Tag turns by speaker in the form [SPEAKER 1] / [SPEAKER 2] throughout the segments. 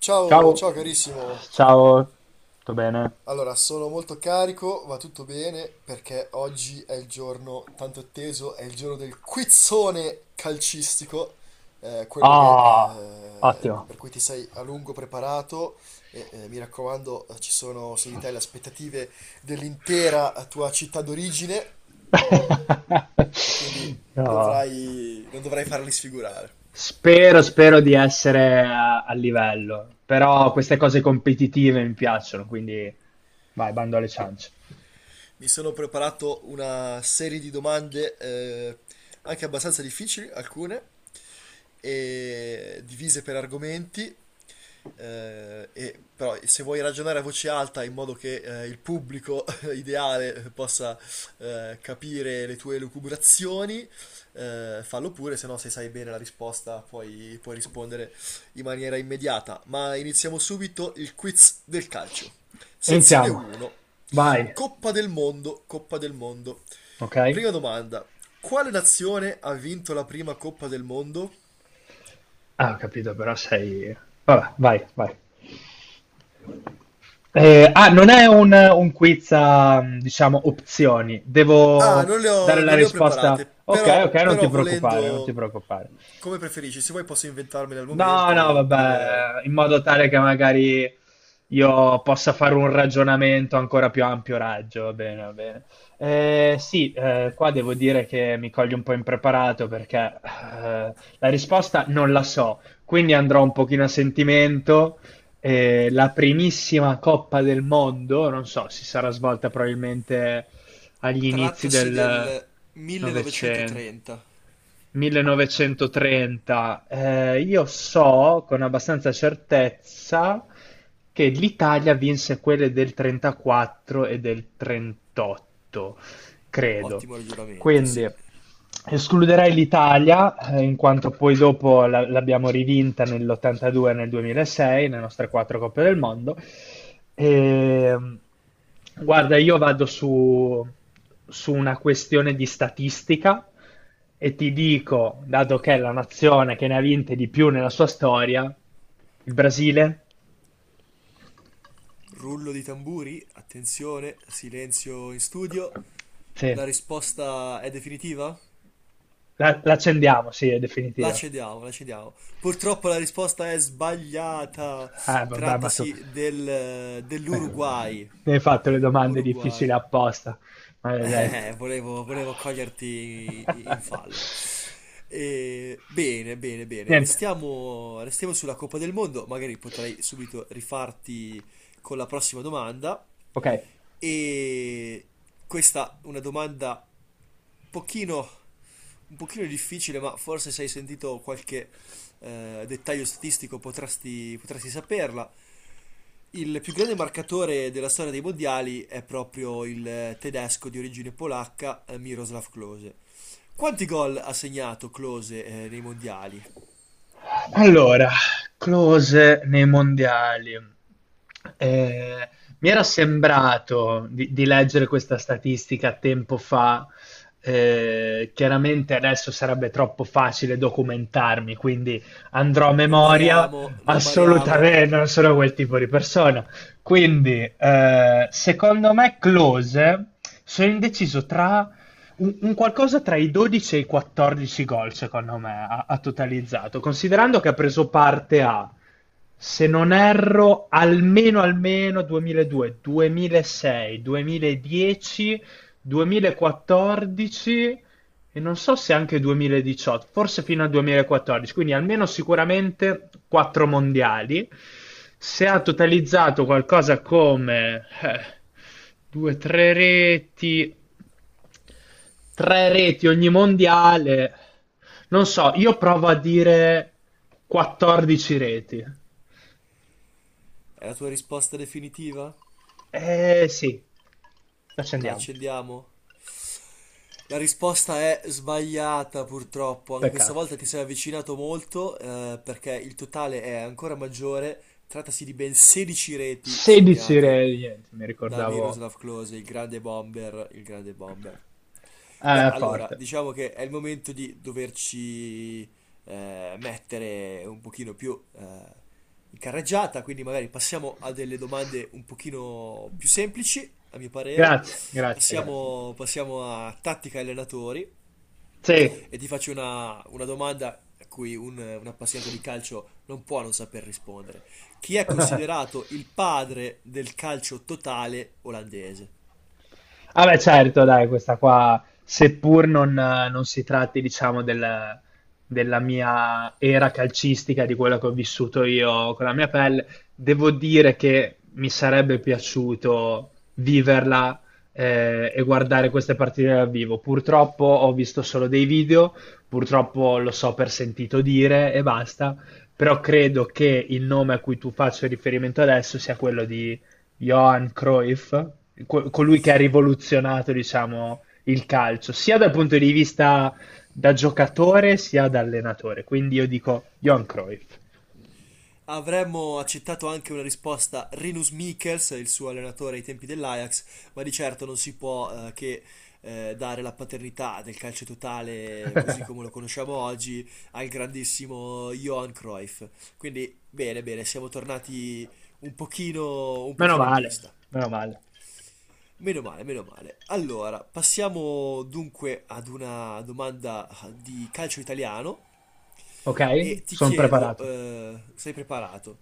[SPEAKER 1] Ciao,
[SPEAKER 2] Ciao,
[SPEAKER 1] ciao carissimo.
[SPEAKER 2] ciao, tutto bene?
[SPEAKER 1] Allora, sono molto carico, va tutto bene perché oggi è il giorno tanto atteso, è il giorno del quizzone calcistico, quello che,
[SPEAKER 2] Ah, ottimo.
[SPEAKER 1] per cui ti sei a lungo preparato e mi raccomando, ci sono su di te le aspettative dell'intera tua città d'origine e quindi
[SPEAKER 2] Io
[SPEAKER 1] dovrai, non dovrai farli sfigurare.
[SPEAKER 2] spero di essere a livello, però queste cose competitive mi piacciono, quindi vai, bando alle ciance.
[SPEAKER 1] Mi sono preparato una serie di domande, anche abbastanza difficili, alcune, e divise per argomenti, e però se vuoi ragionare a voce alta in modo che, il pubblico ideale possa, capire le tue lucubrazioni, fallo pure, se no se sai bene la risposta puoi rispondere in maniera immediata. Ma iniziamo subito il quiz del calcio. Sezione
[SPEAKER 2] Iniziamo,
[SPEAKER 1] 1.
[SPEAKER 2] vai,
[SPEAKER 1] Coppa del mondo, Coppa del mondo.
[SPEAKER 2] ok?
[SPEAKER 1] Prima domanda. Quale nazione ha vinto la prima Coppa del mondo?
[SPEAKER 2] Ah, ho capito, però sei... Vabbè, vai, vai. Ah, non è un quiz a, diciamo, opzioni.
[SPEAKER 1] Ah,
[SPEAKER 2] Devo
[SPEAKER 1] non le
[SPEAKER 2] dare
[SPEAKER 1] ho,
[SPEAKER 2] la
[SPEAKER 1] non le ho
[SPEAKER 2] risposta.
[SPEAKER 1] preparate,
[SPEAKER 2] Ok, ok,
[SPEAKER 1] però,
[SPEAKER 2] non ti
[SPEAKER 1] però
[SPEAKER 2] preoccupare, non ti
[SPEAKER 1] volendo,
[SPEAKER 2] preoccupare.
[SPEAKER 1] come preferisci, se vuoi posso inventarmele al
[SPEAKER 2] No,
[SPEAKER 1] momento,
[SPEAKER 2] no,
[SPEAKER 1] oppure.
[SPEAKER 2] vabbè, in modo tale che magari io possa fare un ragionamento ancora più ampio raggio, va bene, va bene. Sì, qua devo dire che mi coglie un po' impreparato perché la risposta non la so, quindi andrò un pochino a sentimento. La primissima Coppa del Mondo, non so, si sarà svolta probabilmente agli inizi
[SPEAKER 1] Trattasi
[SPEAKER 2] del
[SPEAKER 1] del
[SPEAKER 2] Novecento.
[SPEAKER 1] 1930.
[SPEAKER 2] 1930. Io so con abbastanza certezza che l'Italia vinse quelle del 34 e del 38, credo.
[SPEAKER 1] Ottimo ragionamento,
[SPEAKER 2] Quindi
[SPEAKER 1] sì.
[SPEAKER 2] escluderei l'Italia, in quanto poi dopo l'abbiamo rivinta nell'82 e nel 2006, le nostre quattro Coppe del Mondo. E, guarda, io vado su una questione di statistica e ti dico, dato che è la nazione che ne ha vinte di più nella sua storia, il Brasile,
[SPEAKER 1] Rullo di tamburi, attenzione, silenzio in studio.
[SPEAKER 2] sì,
[SPEAKER 1] La risposta è definitiva?
[SPEAKER 2] l'accendiamo, sì, è
[SPEAKER 1] La
[SPEAKER 2] definitiva.
[SPEAKER 1] cediamo, la cediamo. Purtroppo la risposta è sbagliata.
[SPEAKER 2] Vabbè, ma tu...
[SPEAKER 1] Trattasi del,
[SPEAKER 2] Eh,
[SPEAKER 1] dell'Uruguay.
[SPEAKER 2] mi hai fatto le domande difficili
[SPEAKER 1] Uruguay.
[SPEAKER 2] apposta, maledetto.
[SPEAKER 1] Volevo coglierti in fallo. E, bene, bene, bene.
[SPEAKER 2] Niente,
[SPEAKER 1] Restiamo, restiamo sulla Coppa del Mondo. Magari potrei subito rifarti con la prossima domanda.
[SPEAKER 2] ok.
[SPEAKER 1] E questa è una domanda pochino, un pochino difficile, ma forse se hai sentito qualche, dettaglio statistico potresti saperla. Il più grande marcatore della storia dei mondiali è proprio il tedesco di origine polacca, Miroslav Klose. Quanti gol ha segnato Klose, nei mondiali?
[SPEAKER 2] Allora, Klose nei mondiali. Eh, mi era sembrato di leggere questa statistica tempo fa. Chiaramente adesso sarebbe troppo facile documentarmi, quindi andrò a
[SPEAKER 1] Non
[SPEAKER 2] memoria.
[SPEAKER 1] bariamo, non bariamo.
[SPEAKER 2] Assolutamente, non sono quel tipo di persona. Quindi, secondo me, Klose sono indeciso tra un qualcosa tra i 12 e i 14 gol, secondo me, ha totalizzato, considerando che ha preso parte a, se non erro, almeno almeno 2002, 2006, 2010, 2014 e non so se anche 2018, forse fino al 2014, quindi almeno sicuramente quattro mondiali. Se ha totalizzato qualcosa come due, tre reti ogni mondiale, non so, io provo a dire 14 reti.
[SPEAKER 1] È la tua risposta definitiva?
[SPEAKER 2] Eh sì,
[SPEAKER 1] La
[SPEAKER 2] accendiamo,
[SPEAKER 1] accendiamo? La risposta è sbagliata purtroppo, anche questa
[SPEAKER 2] peccato.
[SPEAKER 1] volta ti sei avvicinato molto, perché il totale è ancora maggiore, trattasi di ben 16 reti
[SPEAKER 2] 16
[SPEAKER 1] segnate
[SPEAKER 2] reti, niente, mi
[SPEAKER 1] da
[SPEAKER 2] ricordavo
[SPEAKER 1] Miroslav Klose, il grande bomber, il grande bomber. Beh, allora,
[SPEAKER 2] forte.
[SPEAKER 1] diciamo che è il momento di doverci, mettere un pochino più, in carreggiata, quindi magari passiamo a delle domande un pochino più semplici, a mio parere.
[SPEAKER 2] Grazie, grazie, grazie.
[SPEAKER 1] Passiamo, passiamo a tattica e allenatori e ti faccio una domanda a cui un appassionato di calcio non può non saper rispondere. Chi è
[SPEAKER 2] Sì.
[SPEAKER 1] considerato il padre del calcio totale olandese?
[SPEAKER 2] Ah beh, certo, dai, questa qua, seppur non si tratti, diciamo, della mia era calcistica, di quello che ho vissuto io con la mia pelle, devo dire che mi sarebbe piaciuto viverla e guardare queste partite dal vivo. Purtroppo ho visto solo dei video, purtroppo lo so per sentito dire e basta, però credo che il nome a cui tu faccio riferimento adesso sia quello di Johan Cruyff, colui che ha rivoluzionato, diciamo, il calcio, sia dal punto di vista da giocatore sia da allenatore. Quindi io dico Johan Cruyff.
[SPEAKER 1] Avremmo accettato anche una risposta Rinus Michels, il suo allenatore ai tempi dell'Ajax, ma di certo non si può, che, dare la paternità del calcio totale così come lo conosciamo oggi al grandissimo Johan Cruyff. Quindi bene, bene, siamo tornati un
[SPEAKER 2] Meno
[SPEAKER 1] pochino in
[SPEAKER 2] male,
[SPEAKER 1] pista.
[SPEAKER 2] meno male.
[SPEAKER 1] Meno male, meno male. Allora, passiamo dunque ad una domanda di calcio italiano
[SPEAKER 2] Ok?
[SPEAKER 1] e ti
[SPEAKER 2] Sono
[SPEAKER 1] chiedo,
[SPEAKER 2] preparato.
[SPEAKER 1] sei preparato,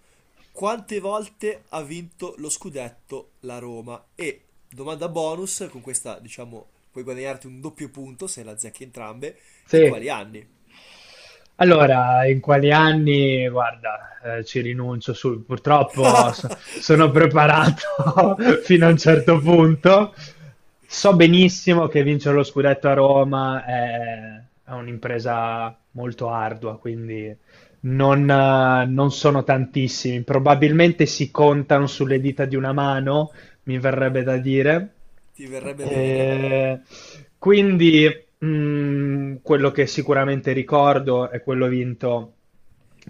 [SPEAKER 1] quante volte ha vinto lo scudetto la Roma? E domanda bonus, con questa diciamo puoi guadagnarti un doppio punto se la azzecchi entrambe, in
[SPEAKER 2] Sì.
[SPEAKER 1] quali anni?
[SPEAKER 2] Allora, in quali anni? Guarda, ci rinuncio sul, purtroppo sono preparato fino a un certo punto. So benissimo che vincere lo scudetto a Roma è un'impresa molto ardua, quindi non sono tantissimi. Probabilmente si contano sulle dita di una mano, mi verrebbe da dire.
[SPEAKER 1] Ti verrebbe bene?
[SPEAKER 2] Eh, quindi quello che sicuramente ricordo è quello vinto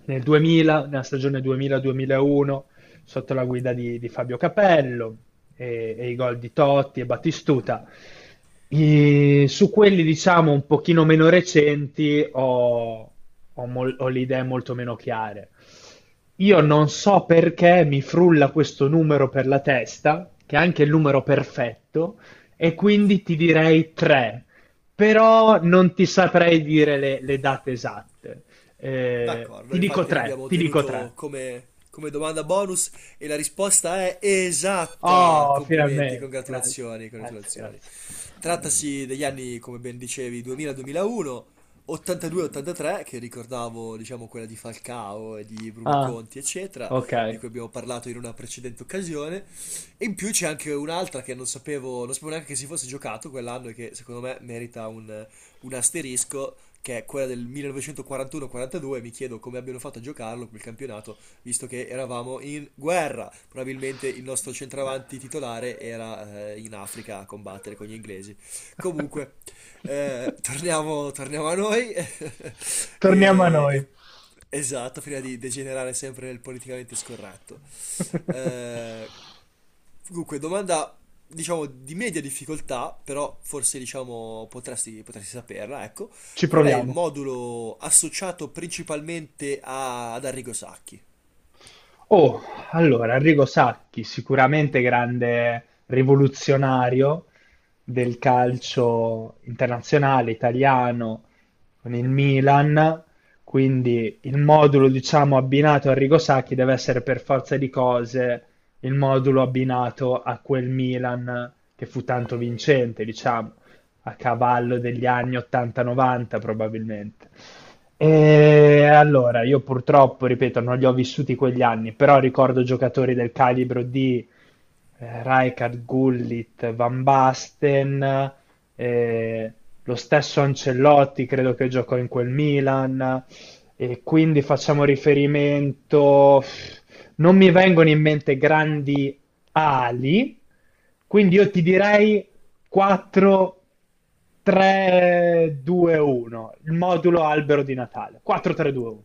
[SPEAKER 2] nel 2000, nella stagione 2000-2001, sotto la guida di Fabio Capello e i gol di Totti e Battistuta. Su quelli, diciamo, un pochino meno recenti ho le idee molto meno chiare. Io non so perché mi frulla questo numero per la testa, che è anche il numero perfetto, e quindi ti direi 3, però non ti saprei dire le date esatte. Eh,
[SPEAKER 1] D'accordo,
[SPEAKER 2] ti dico
[SPEAKER 1] infatti
[SPEAKER 2] tre,
[SPEAKER 1] l'abbiamo
[SPEAKER 2] ti dico
[SPEAKER 1] tenuto
[SPEAKER 2] tre.
[SPEAKER 1] come domanda bonus e la risposta è esatta.
[SPEAKER 2] Oh,
[SPEAKER 1] Complimenti,
[SPEAKER 2] finalmente, grazie,
[SPEAKER 1] congratulazioni,
[SPEAKER 2] grazie,
[SPEAKER 1] congratulazioni.
[SPEAKER 2] grazie.
[SPEAKER 1] Trattasi degli anni, come ben dicevi, 2000-2001, 82-83, che ricordavo, diciamo, quella di Falcao e di Bruno
[SPEAKER 2] Ah,
[SPEAKER 1] Conti, eccetera,
[SPEAKER 2] ok.
[SPEAKER 1] di cui abbiamo parlato in una precedente occasione. E in più c'è anche un'altra che non sapevo neanche che si fosse giocato quell'anno e che secondo me merita un asterisco, che è quella del 1941-42. Mi chiedo come abbiano fatto a giocarlo quel campionato, visto che eravamo in guerra. Probabilmente il nostro centravanti titolare era, in Africa a combattere con gli inglesi. Comunque, torniamo, torniamo a noi.
[SPEAKER 2] Torniamo a noi.
[SPEAKER 1] E- esatto, prima di degenerare sempre nel politicamente scorretto. Eh, dunque, domanda diciamo di media difficoltà, però forse diciamo potresti saperla, ecco.
[SPEAKER 2] Ci
[SPEAKER 1] Qual è il
[SPEAKER 2] proviamo.
[SPEAKER 1] modulo associato principalmente ad Arrigo Sacchi?
[SPEAKER 2] Oh, allora, Arrigo Sacchi, sicuramente grande rivoluzionario del calcio internazionale italiano con il Milan, quindi il modulo, diciamo, abbinato a Arrigo Sacchi deve essere per forza di cose il modulo abbinato a quel Milan che fu tanto vincente, diciamo, a cavallo degli anni 80-90 probabilmente. E allora, io purtroppo, ripeto, non li ho vissuti quegli anni, però ricordo giocatori del calibro di Rijkaard, Gullit, Van Basten, eh, lo stesso Ancelotti credo che giocò in quel Milan, e quindi facciamo riferimento... Non mi vengono in mente grandi ali, quindi io ti direi 4, 3, 2, 1. Il modulo albero di Natale. 4, 3, 2, 1.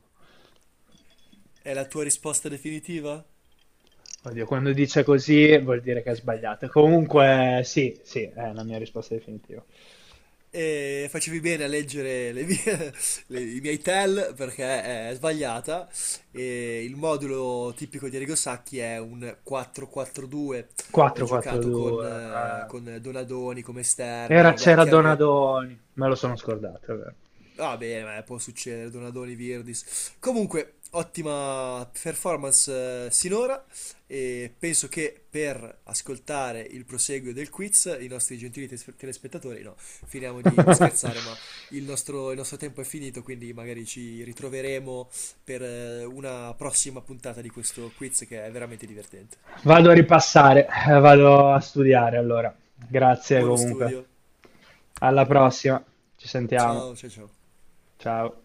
[SPEAKER 1] È la tua risposta definitiva?
[SPEAKER 2] Oddio, quando dice così vuol dire che è sbagliato. Comunque, sì, sì, è la mia risposta definitiva.
[SPEAKER 1] E facevi bene a leggere i miei tell, perché è sbagliata. E il modulo tipico di Arrigo Sacchi è un 4-4-2,
[SPEAKER 2] 4, 4,
[SPEAKER 1] giocato
[SPEAKER 2] 2.
[SPEAKER 1] con, eh, con Donadoni come
[SPEAKER 2] Era-
[SPEAKER 1] esterno. Beh,
[SPEAKER 2] c'era
[SPEAKER 1] chiaro che.
[SPEAKER 2] Donadoni. Me lo sono scordato, è vero.
[SPEAKER 1] Va bene, ma può succedere, Donadoni, Virdis. Comunque, ottima performance, sinora, e penso che, per ascoltare il proseguo del quiz, i nostri gentili telespettatori, no, finiamo di scherzare, ma il nostro tempo è finito, quindi magari ci ritroveremo per, una prossima puntata di questo quiz che è veramente divertente.
[SPEAKER 2] Vado a ripassare, vado a studiare allora. Grazie
[SPEAKER 1] Buono
[SPEAKER 2] comunque.
[SPEAKER 1] studio.
[SPEAKER 2] Alla prossima, ci sentiamo.
[SPEAKER 1] Ciao, ciao, ciao.
[SPEAKER 2] Ciao.